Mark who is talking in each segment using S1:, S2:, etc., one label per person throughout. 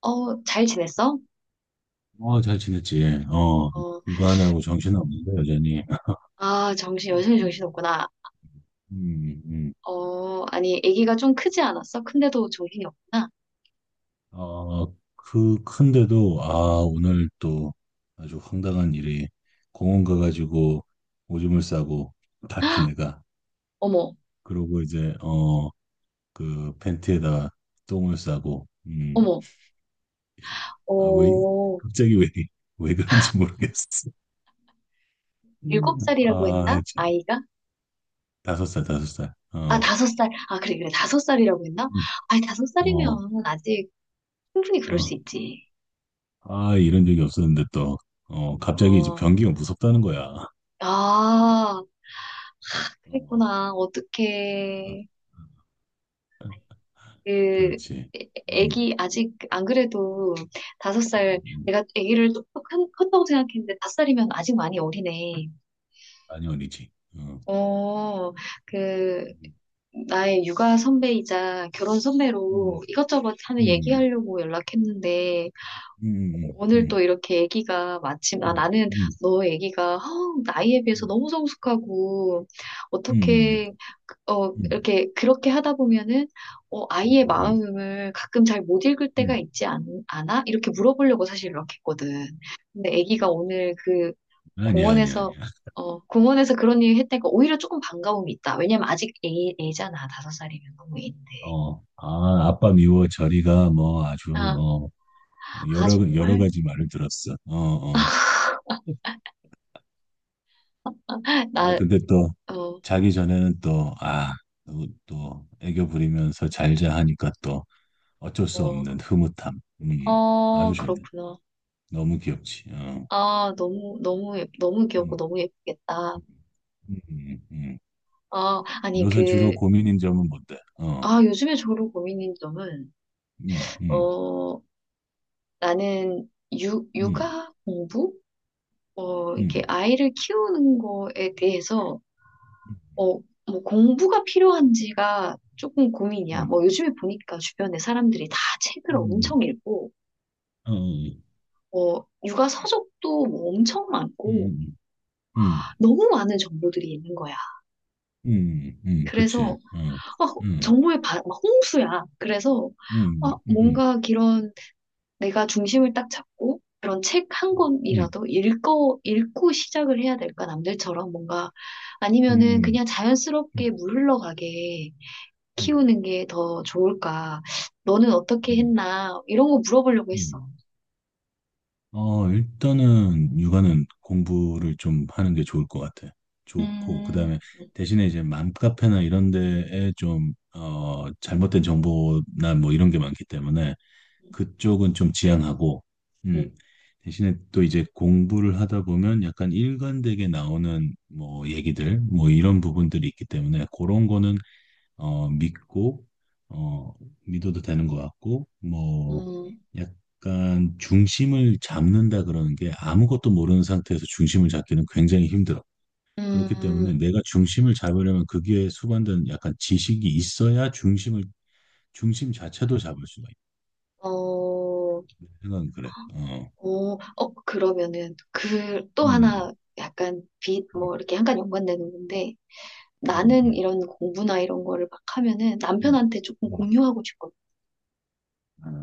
S1: 어, 잘 지냈어?
S2: 어, 잘 지냈지. 어,
S1: 어,
S2: 육아하느라고 정신없는데, 여전히.
S1: 아, 여전히 정신 없구나.
S2: 음, 음.
S1: 어, 아니, 아기가 좀 크지 않았어? 큰데도 정신이 없구나.
S2: 어, 그, 큰데도, 아, 오늘 또 아주 황당한 일이 공원 가가지고 오줌을 싸고, 다 큰 애가.
S1: 어머,
S2: 그러고 이제, 어, 그 팬티에다가 똥을 싸고,
S1: 어머,
S2: 아, 왜,
S1: 어,
S2: 갑자기 왜, 왜 그런지 모르겠어.
S1: 일곱
S2: 음.
S1: 살이라고
S2: 아,
S1: 했나?
S2: 참.
S1: 아이가?
S2: 다섯 살, 다섯 살.
S1: 아,
S2: 어,
S1: 5살. 아, 그래, 그래, 다섯 살이라고 했나?
S2: 음,
S1: 아니, 다섯
S2: 어,
S1: 살이면 아직 충분히 그럴 수
S2: 어.
S1: 있지.
S2: 아, 이런 적이 없었는데 또, 어, 갑자기 이제
S1: 어,
S2: 변기가 무섭다는 거야.
S1: 아,
S2: 어,
S1: 그랬구나.
S2: 어,
S1: 어떡해. 그
S2: 그렇지. 음,
S1: 애기 아직 안 그래도 5살
S2: 음, 음.
S1: 내가 애기를 컸다고 생각했는데 다섯 살이면 아직 많이 어리네.
S2: 아니, 어리지. 어.
S1: 어, 그 나의 육아 선배이자 결혼
S2: 음,
S1: 선배로 이것저것 하는
S2: 음,
S1: 얘기하려고 연락했는데
S2: 음, 음,
S1: 오늘
S2: 음,
S1: 또 이렇게 애기가 마침 아
S2: 음,
S1: 나는
S2: 음,
S1: 너 애기가 허, 나이에 비해서
S2: 음,
S1: 너무 성숙하고
S2: 음,
S1: 어떻게 어,
S2: 음, 음, 음.
S1: 이렇게, 그렇게 하다 보면은, 어, 아이의
S2: 음,
S1: 마음을 가끔 잘 못 읽을
S2: 음,
S1: 때가
S2: 음.
S1: 있지 않, 아 이렇게 물어보려고 사실 이렇게 했거든. 근데 아기가 오늘 그
S2: 아니야, 아니야,
S1: 공원에서,
S2: 아니야.
S1: 공원에서 그런 일 했다니까 오히려 조금 반가움이 있다. 왜냐면 아직 애잖아. 다섯 살이면 너무 애인데.
S2: 어, 아, 아빠 미워 저리가 뭐 아주,
S1: 아,
S2: 어,
S1: 아,
S2: 여러
S1: 정말?
S2: 가지 말을 들었어. 어, 어. 아,
S1: 나,
S2: 근데 또
S1: 어,
S2: 자기 전에는 또, 아, 또, 또 애교 부리면서 잘자 하니까 또 어쩔 수
S1: 어,
S2: 없는 흐뭇함.
S1: 어,
S2: 아주 좋네.
S1: 그렇구나.
S2: 너무 귀엽지. 어.
S1: 아, 너무, 너무, 너무 귀엽고
S2: 음,
S1: 너무 예쁘겠다.
S2: 음, 음.
S1: 아, 아니,
S2: 요새 주로
S1: 그,
S2: 고민인 점은 뭔데? 어,
S1: 아, 요즘에 저로 고민인 점은,
S2: 음, 음,
S1: 어, 나는 육,
S2: 음,
S1: 육아 공부? 어, 이렇게
S2: 음,
S1: 아이를 키우는 거에 대해서, 어, 뭐 공부가 필요한지가 조금 고민이야.
S2: 음,
S1: 뭐 요즘에 보니까 주변에 사람들이 다
S2: 음,
S1: 책을
S2: 음, 음,
S1: 엄청 읽고,
S2: 어,
S1: 어, 육아 서적도 뭐 엄청 많고,
S2: 음, 음,
S1: 너무 많은 정보들이 있는 거야.
S2: 그치.
S1: 그래서,
S2: 어,
S1: 아,
S2: 음,
S1: 정보의 막 홍수야. 그래서,
S2: 음,
S1: 아,
S2: 음, 음,
S1: 뭔가 내가 중심을 딱 잡고 그런 책 한
S2: 음,
S1: 권이라도 읽고 시작을 해야 될까? 남들처럼 뭔가 아니면은
S2: 음,
S1: 그냥 자연스럽게
S2: 음,
S1: 물 흘러가게
S2: 음,
S1: 키우는 게 더 좋을까? 너는 어떻게
S2: 음,
S1: 했나? 이런 거 물어보려고 했어.
S2: 음, 어, 일단은 육아는 공부를 좀 하는 게 좋을 것 같아. 좋고, 그
S1: 음,
S2: 다음에 대신에 이제 맘카페나 이런 데에 좀, 어, 잘못된 정보나 뭐 이런 게 많기 때문에 그쪽은 좀 지양하고,
S1: 음,
S2: 음, 대신에 또 이제 공부를 하다 보면 약간 일관되게 나오는 뭐 얘기들, 뭐 이런 부분들이 있기 때문에 그런 거는 어, 믿고, 어, 믿어도 되는 것 같고, 뭐,
S1: 음,
S2: 약간 중심을 잡는다 그러는 게 아무것도 모르는 상태에서 중심을 잡기는 굉장히 힘들어. 그렇기 때문에
S1: 음,
S2: 내가 중심을 잡으려면 그게 수반된 약간 지식이 있어야 중심 자체도 잡을 수가 있다.
S1: 어,
S2: 생각은 그래. 어,
S1: 오, 어, 그러면은 그 또
S2: 음,
S1: 하나 약간 빛,
S2: 음, 음,
S1: 뭐 이렇게 약간 연관되는 건데 나는
S2: 음,
S1: 이런 공부나 이런 거를 막 하면은
S2: 음,
S1: 남편한테 조금
S2: 음. 음.
S1: 공유하고 싶거든.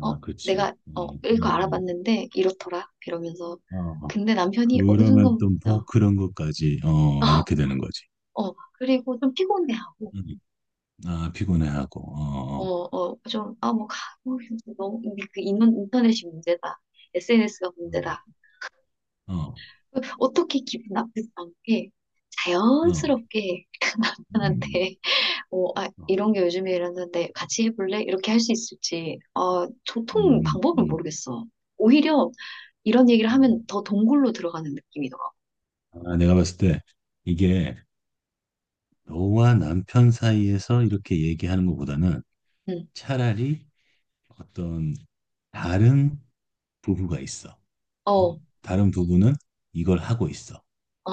S1: 어,
S2: 그렇지.
S1: 내가, 어, 이거 알아봤는데 이렇더라. 이러면서.
S2: 어,
S1: 근데 남편이 어느
S2: 그러면
S1: 순간,
S2: 또 뭐
S1: 어,
S2: 그런 것까지, 어, 이렇게
S1: 어,
S2: 되는 거지.
S1: 어, 그리고 좀 피곤해하고,
S2: 음. 아, 피곤해하고,
S1: 어,
S2: 어
S1: 어, 좀, 아, 뭐, 가, 뭐, 너무, 이게 그 인터넷이 문제다. SNS가
S2: 어,
S1: 문제다.
S2: 어,
S1: 어떻게 기분 나쁘지 않게
S2: 어, 어,
S1: 자연스럽게
S2: 음,
S1: 남편한테 뭐, 아,
S2: 어,
S1: 이런 게 요즘에 이랬는데 같이 해볼래? 이렇게 할 수 있을지, 어 도통
S2: 음,
S1: 방법을
S2: 음.
S1: 모르겠어. 오히려 이런 얘기를
S2: 음,
S1: 하면 더 동굴로 들어가는 느낌이더라고.
S2: 어 아, 내가 봤을 때 이게 너와 남편 사이에서 이렇게 얘기하는 것보다는
S1: 응.
S2: 차라리 어떤 다른 부부가 있어.
S1: 어,
S2: 어?
S1: 어,
S2: 다른 부부는 이걸 하고 있어.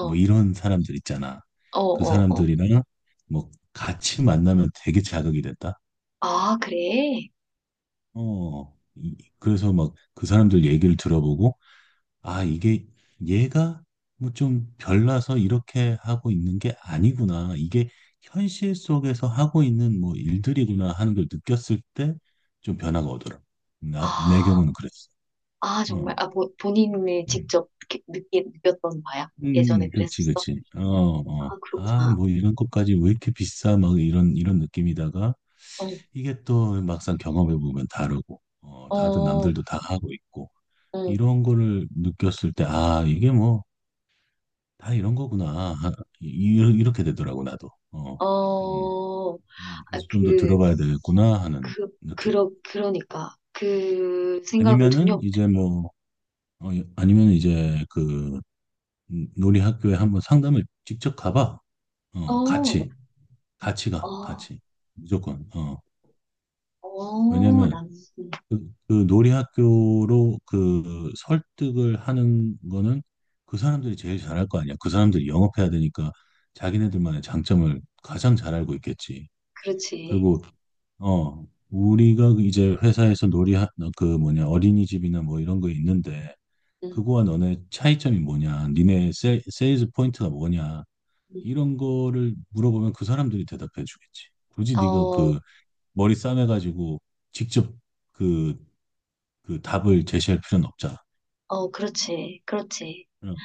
S2: 뭐 이런 사람들 있잖아.
S1: 어,
S2: 그
S1: 어.
S2: 사람들이랑 뭐 같이 만나면 되게 자극이 됐다.
S1: 아, 그래?
S2: 어. 그래서 막 그 사람들 얘기를 들어보고 아, 이게 얘가 뭐 좀 별나서 이렇게 하고 있는 게 아니구나. 이게 현실 속에서 하고 있는 뭐 일들이구나 하는 걸 느꼈을 때 좀 변화가 오더라. 내
S1: 아,
S2: 경우는 그랬어.
S1: 아, 정말.
S2: 어.
S1: 아, 뭐, 본인이
S2: 음,
S1: 직접 이렇게 느꼈던 바야? 예전에
S2: 그렇지,
S1: 그랬었어?
S2: 그렇지. 어,
S1: 아,
S2: 어. 아,
S1: 그렇구나.
S2: 뭐 이런 것까지 왜 이렇게 비싸? 막 이런 느낌이다가
S1: 어,
S2: 이게 또 막상 경험해 보면 다르고, 어, 다들
S1: 어,
S2: 남들도 다 하고 있고
S1: 응,
S2: 이런 거를 느꼈을 때, 아, 이게 뭐 다 이런 거구나. 아, 이렇게 되더라고, 나도. 어. 음,
S1: 어. 아,
S2: 그래서 좀 더 들어봐야 되겠구나 하는
S1: 그,
S2: 느낌.
S1: 그러니까. 그 생각을
S2: 아니면은
S1: 전혀
S2: 이제 뭐, 어, 아니면 이제 그 놀이 학교에 한번 상담을 직접 가봐. 어,
S1: 못했어.
S2: 같이. 같이 가.
S1: 어,
S2: 같이. 무조건. 어.
S1: 어,
S2: 왜냐면
S1: 음,
S2: 그, 그 놀이 학교로 그 설득을 하는 거는 그 사람들이 제일 잘할 거 아니야. 그 사람들이 영업해야 되니까 자기네들만의 장점을 가장 잘 알고 있겠지.
S1: 그렇지.
S2: 그리고 어 우리가 그 이제 회사에서 놀이 그 뭐냐 어린이집이나 뭐 이런 거 있는데
S1: 응,
S2: 그거와 너네 차이점이 뭐냐 니네 세일즈 포인트가 뭐냐
S1: 응.
S2: 이런 거를 물어보면 그 사람들이 대답해 주겠지 굳이 네가 그
S1: 어,
S2: 머리 싸매가지고 직접 그 그 답을 제시할 필요는 없잖아.
S1: 어, 그렇지. 그렇지.
S2: 응,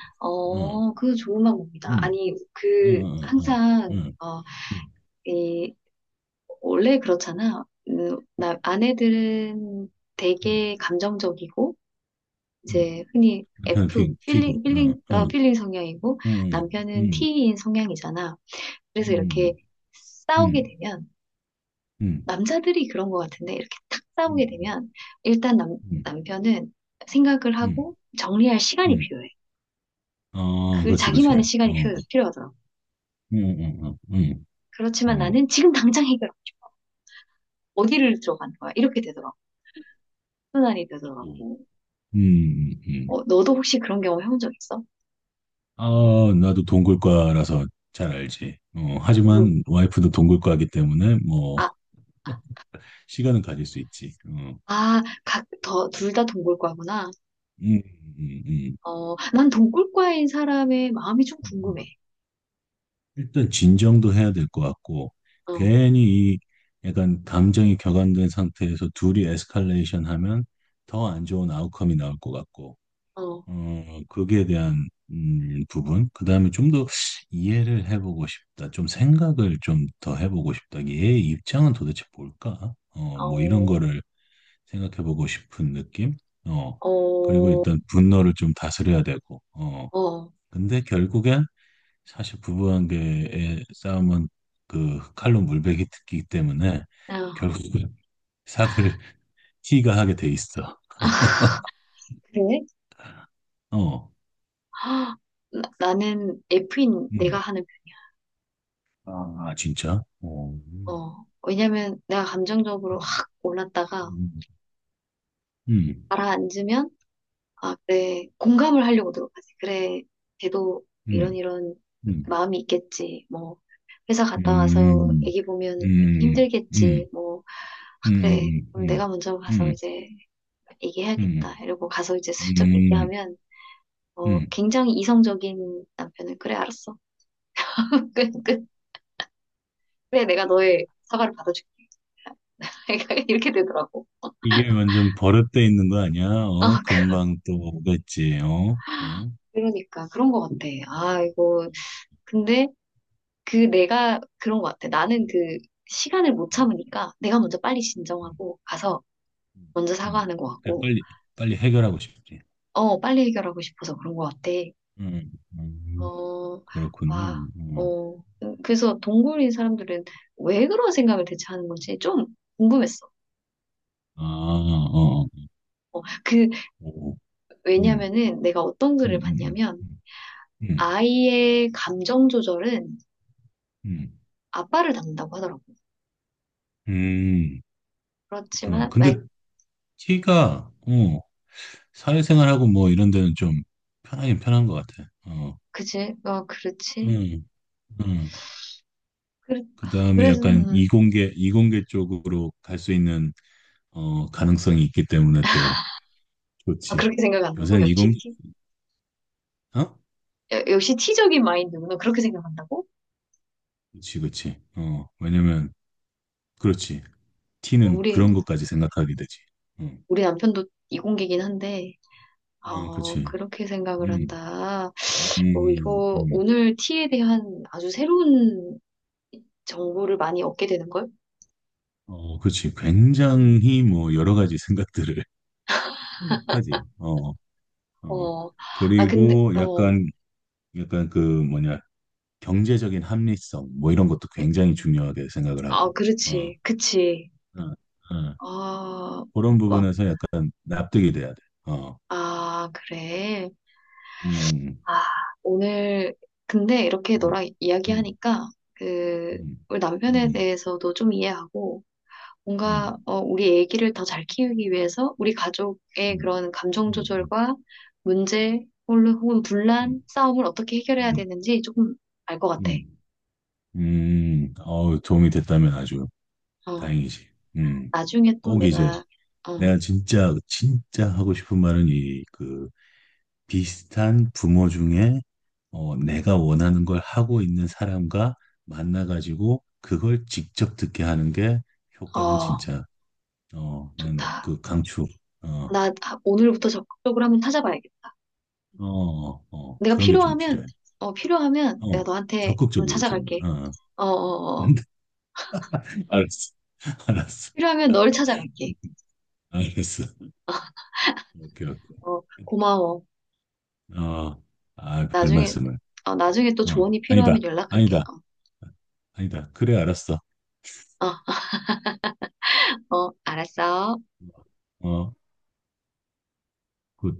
S2: 응,
S1: 어, 그 좋은 방법이다.
S2: 응,
S1: 아니,
S2: 응,
S1: 그,
S2: 응, 응,
S1: 항상,
S2: 응,
S1: 어,
S2: 응,
S1: 이, 원래 그렇잖아. 나, 아내들은
S2: 응,
S1: 되게 감정적이고,
S2: 응.
S1: 이제 흔히
S2: 남편
S1: F,
S2: 피 튀고 응, 응,
S1: 필링 성향이고,
S2: 응, 응,
S1: 남편은
S2: 응,
S1: T인 성향이잖아. 그래서 이렇게
S2: 응,
S1: 싸우게
S2: 응.
S1: 되면,
S2: 응.
S1: 남자들이 그런 것 같은데 이렇게 탁 싸우게
S2: 음, 음,
S1: 되면 일단 남,
S2: 음,
S1: 남편은 생각을
S2: 음.
S1: 하고 정리할 시간이
S2: 음.
S1: 필요해.
S2: 아,
S1: 그
S2: 그렇지, 그렇지. 어,
S1: 자기만의 시간이
S2: 음,
S1: 필요하더라고.
S2: 음, 음, 음,
S1: 그렇지만
S2: 음,
S1: 나는 지금 당장 해결하고 싶어. 어디를 들어가는 거야? 이렇게 되더라고. 순환이
S2: 음.
S1: 되더라고.
S2: 음, 음.
S1: 어, 너도 혹시 그런 경험 해본 적 있어?
S2: 아, 나도 동굴과라서 잘 알지. 어,
S1: 동굴,
S2: 하지만 와이프도 동굴과이기 때문에 뭐
S1: 아,
S2: 시간은 가질 수 있지. 어,
S1: 아, 각, 더, 둘 다 동굴과구나.
S2: 음, 음,
S1: 어, 난 동굴과인 사람의 마음이 좀
S2: 음.
S1: 궁금해.
S2: 일단 진정도 해야 될 것 같고
S1: 어,
S2: 괜히 이 약간 감정이 격앙된 상태에서 둘이 에스컬레이션 하면 더 안 좋은 아웃컴이 나올 것 같고.
S1: 어,
S2: 어, 거기에 대한 부분. 그 다음에 좀 더 이해를 해보고 싶다. 좀 생각을 좀 더 해보고 싶다. 얘의 입장은 도대체 뭘까? 어, 뭐 이런
S1: 어,
S2: 거를 생각해보고 싶은 느낌? 어, 그리고
S1: 어,
S2: 일단 분노를 좀 다스려야 되고. 어,
S1: 어,
S2: 근데 결국엔 사실 부부관계의 싸움은 그 칼로 물베기 듣기 때문에
S1: 어.
S2: 결국은 삭을 티가 하게 돼 있어.
S1: 그래?
S2: 어,
S1: 아, 나는 F인 내가
S2: 음.
S1: 하는 편이야.
S2: 아, 진짜? 어.
S1: 어, 왜냐면 내가 감정적으로
S2: 음.
S1: 확 올랐다가
S2: 음, 음,
S1: 가라앉으면, 아, 그래, 공감을 하려고 들어가지. 그래, 걔도 이런
S2: 음,
S1: 이런
S2: 음,
S1: 마음이 있겠지. 뭐, 회사 갔다 와서
S2: 음,
S1: 애기 보면
S2: 음, 음,
S1: 힘들겠지. 뭐, 아, 그래,
S2: 음,
S1: 그럼
S2: 음,
S1: 내가 먼저 가서
S2: 음,
S1: 이제
S2: 음,
S1: 얘기해야겠다. 이러고 가서 이제 슬쩍
S2: 음,
S1: 얘기하면, 어,
S2: 음.
S1: 굉장히 이성적인 남편은, 그래, 알았어. 끝, 끝. 그래, 내가 너의 사과를 받아줄게. 그러니까 이렇게 되더라고.
S2: 이게 완전 버릇돼 있는 거 아니야? 어?
S1: 아,
S2: 금방 또 오겠지, 어? 어?
S1: 그러니까 그런 것 같아. 아, 이거 근데 그 내가 그런 것 같아. 나는 그 시간을 못
S2: 음,
S1: 참으니까 내가 먼저 빨리
S2: 음,
S1: 진정하고 가서 먼저
S2: 음.
S1: 사과하는 것
S2: 그래,
S1: 같고,
S2: 빨리, 빨리 해결하고 싶지.
S1: 어, 빨리 해결하고 싶어서 그런 것 같아.
S2: 음, 음,
S1: 어,
S2: 그렇구나.
S1: 아,
S2: 어.
S1: 어. 그래서 동굴인 사람들은 왜 그런 생각을 대체 하는 건지 좀 궁금했어.
S2: 아, 어, 어.
S1: 어, 그
S2: 오, 음, 음,
S1: 왜냐면은 내가 어떤 글을
S2: 음,
S1: 봤냐면
S2: 음, 음,
S1: 아이의 감정 조절은
S2: 음,
S1: 아빠를 닮는다고 하더라고.
S2: 음, 그렇구나.
S1: 그렇지만,
S2: 근데 키가, 어, 사회생활하고 뭐 이런 데는 좀 편하긴 편한 것 같아. 어,
S1: 그치? 어, 그렇지.
S2: 음, 음.
S1: 그래,
S2: 그
S1: 아,
S2: 다음에
S1: 그래서,
S2: 약간 이공계 쪽으로 갈 수 있는, 어, 가능성이 있기 때문에 또
S1: 아,
S2: 좋지.
S1: 그렇게 생각 안 하고,
S2: 요새는
S1: 역시
S2: 이공계,
S1: 티,
S2: 어?
S1: 야, 역시 티적인 마인드구나. 그렇게 생각한다고?
S2: 그렇지그지 어, 왜냐면, 그렇지.
S1: 어,
S2: T는
S1: 우리,
S2: 그런 것까지 생각하게 되지. 응.
S1: 우리 남편도 이공계긴 한데,
S2: 어, 그
S1: 어,
S2: 지
S1: 그렇게 생각을
S2: 음,
S1: 한다. 어,
S2: 음,
S1: 이거,
S2: 음.
S1: 오늘 티에 대한 아주 새로운 정보를 많이 얻게 되는걸?
S2: 어, 그지 굉장히 뭐 여러 가지 생각들을 하지. 어, 어,
S1: 어, 아, 근데,
S2: 그리고
S1: 어,
S2: 약간, 약간 그 뭐냐, 경제적인 합리성, 뭐 이런 것도 굉장히 중요하게 생각을
S1: 아,
S2: 하고, 어,
S1: 그렇지. 그치.
S2: 어, 어,
S1: 아,
S2: 그런
S1: 막,
S2: 부분에서 약간 납득이 돼야 돼. 어,
S1: 아, 그래.
S2: 음,
S1: 아, 오늘, 근데 이렇게
S2: 음,
S1: 너랑
S2: 음,
S1: 이야기하니까, 그,
S2: 음,
S1: 우리 남편에
S2: 음,
S1: 대해서도 좀 이해하고, 뭔가,
S2: 음,
S1: 어, 우리 애기를 더 잘 키우기 위해서, 우리 가족의
S2: 음,
S1: 그런 감정
S2: 음,
S1: 조절과 문제, 혹은
S2: 음,
S1: 분란, 싸움을 어떻게 해결해야
S2: 음,
S1: 되는지 조금 알 것 같아.
S2: 음, 어 도움이 됐다면 아주
S1: 어,
S2: 다행이지. 음,
S1: 나중에 또
S2: 꼭 이제
S1: 내가, 어,
S2: 내가 진짜, 진짜 하고 싶은 말은 이그 비슷한 부모 중에 어, 내가 원하는 걸 하고 있는 사람과 만나가지고 그걸 직접 듣게 하는 게 효과는
S1: 어,
S2: 진짜 어,
S1: 좋다.
S2: 난그 강추. 어,
S1: 나 아, 오늘부터 적극적으로 한번 찾아봐야겠다.
S2: 어, 어,
S1: 내가
S2: 그런 게 좀
S1: 필요하면,
S2: 필요해.
S1: 어, 필요하면
S2: 어,
S1: 내가 너한테 한번
S2: 적극적으로 좀.
S1: 찾아갈게.
S2: 어.
S1: 어, 어, 어.
S2: 알았어, 알았어,
S1: 필요하면 너를 찾아갈게.
S2: 알았어. 오케이, 오케이.
S1: 어, 고마워.
S2: 어, 아, 별
S1: 나중에,
S2: 말씀을.
S1: 어, 나중에 또
S2: 어,
S1: 조언이
S2: 아니다,
S1: 필요하면 연락할게.
S2: 아니다,
S1: 어,
S2: 아니다. 그래, 알았어.
S1: 어, 어, 알았어.
S2: 어, 굿.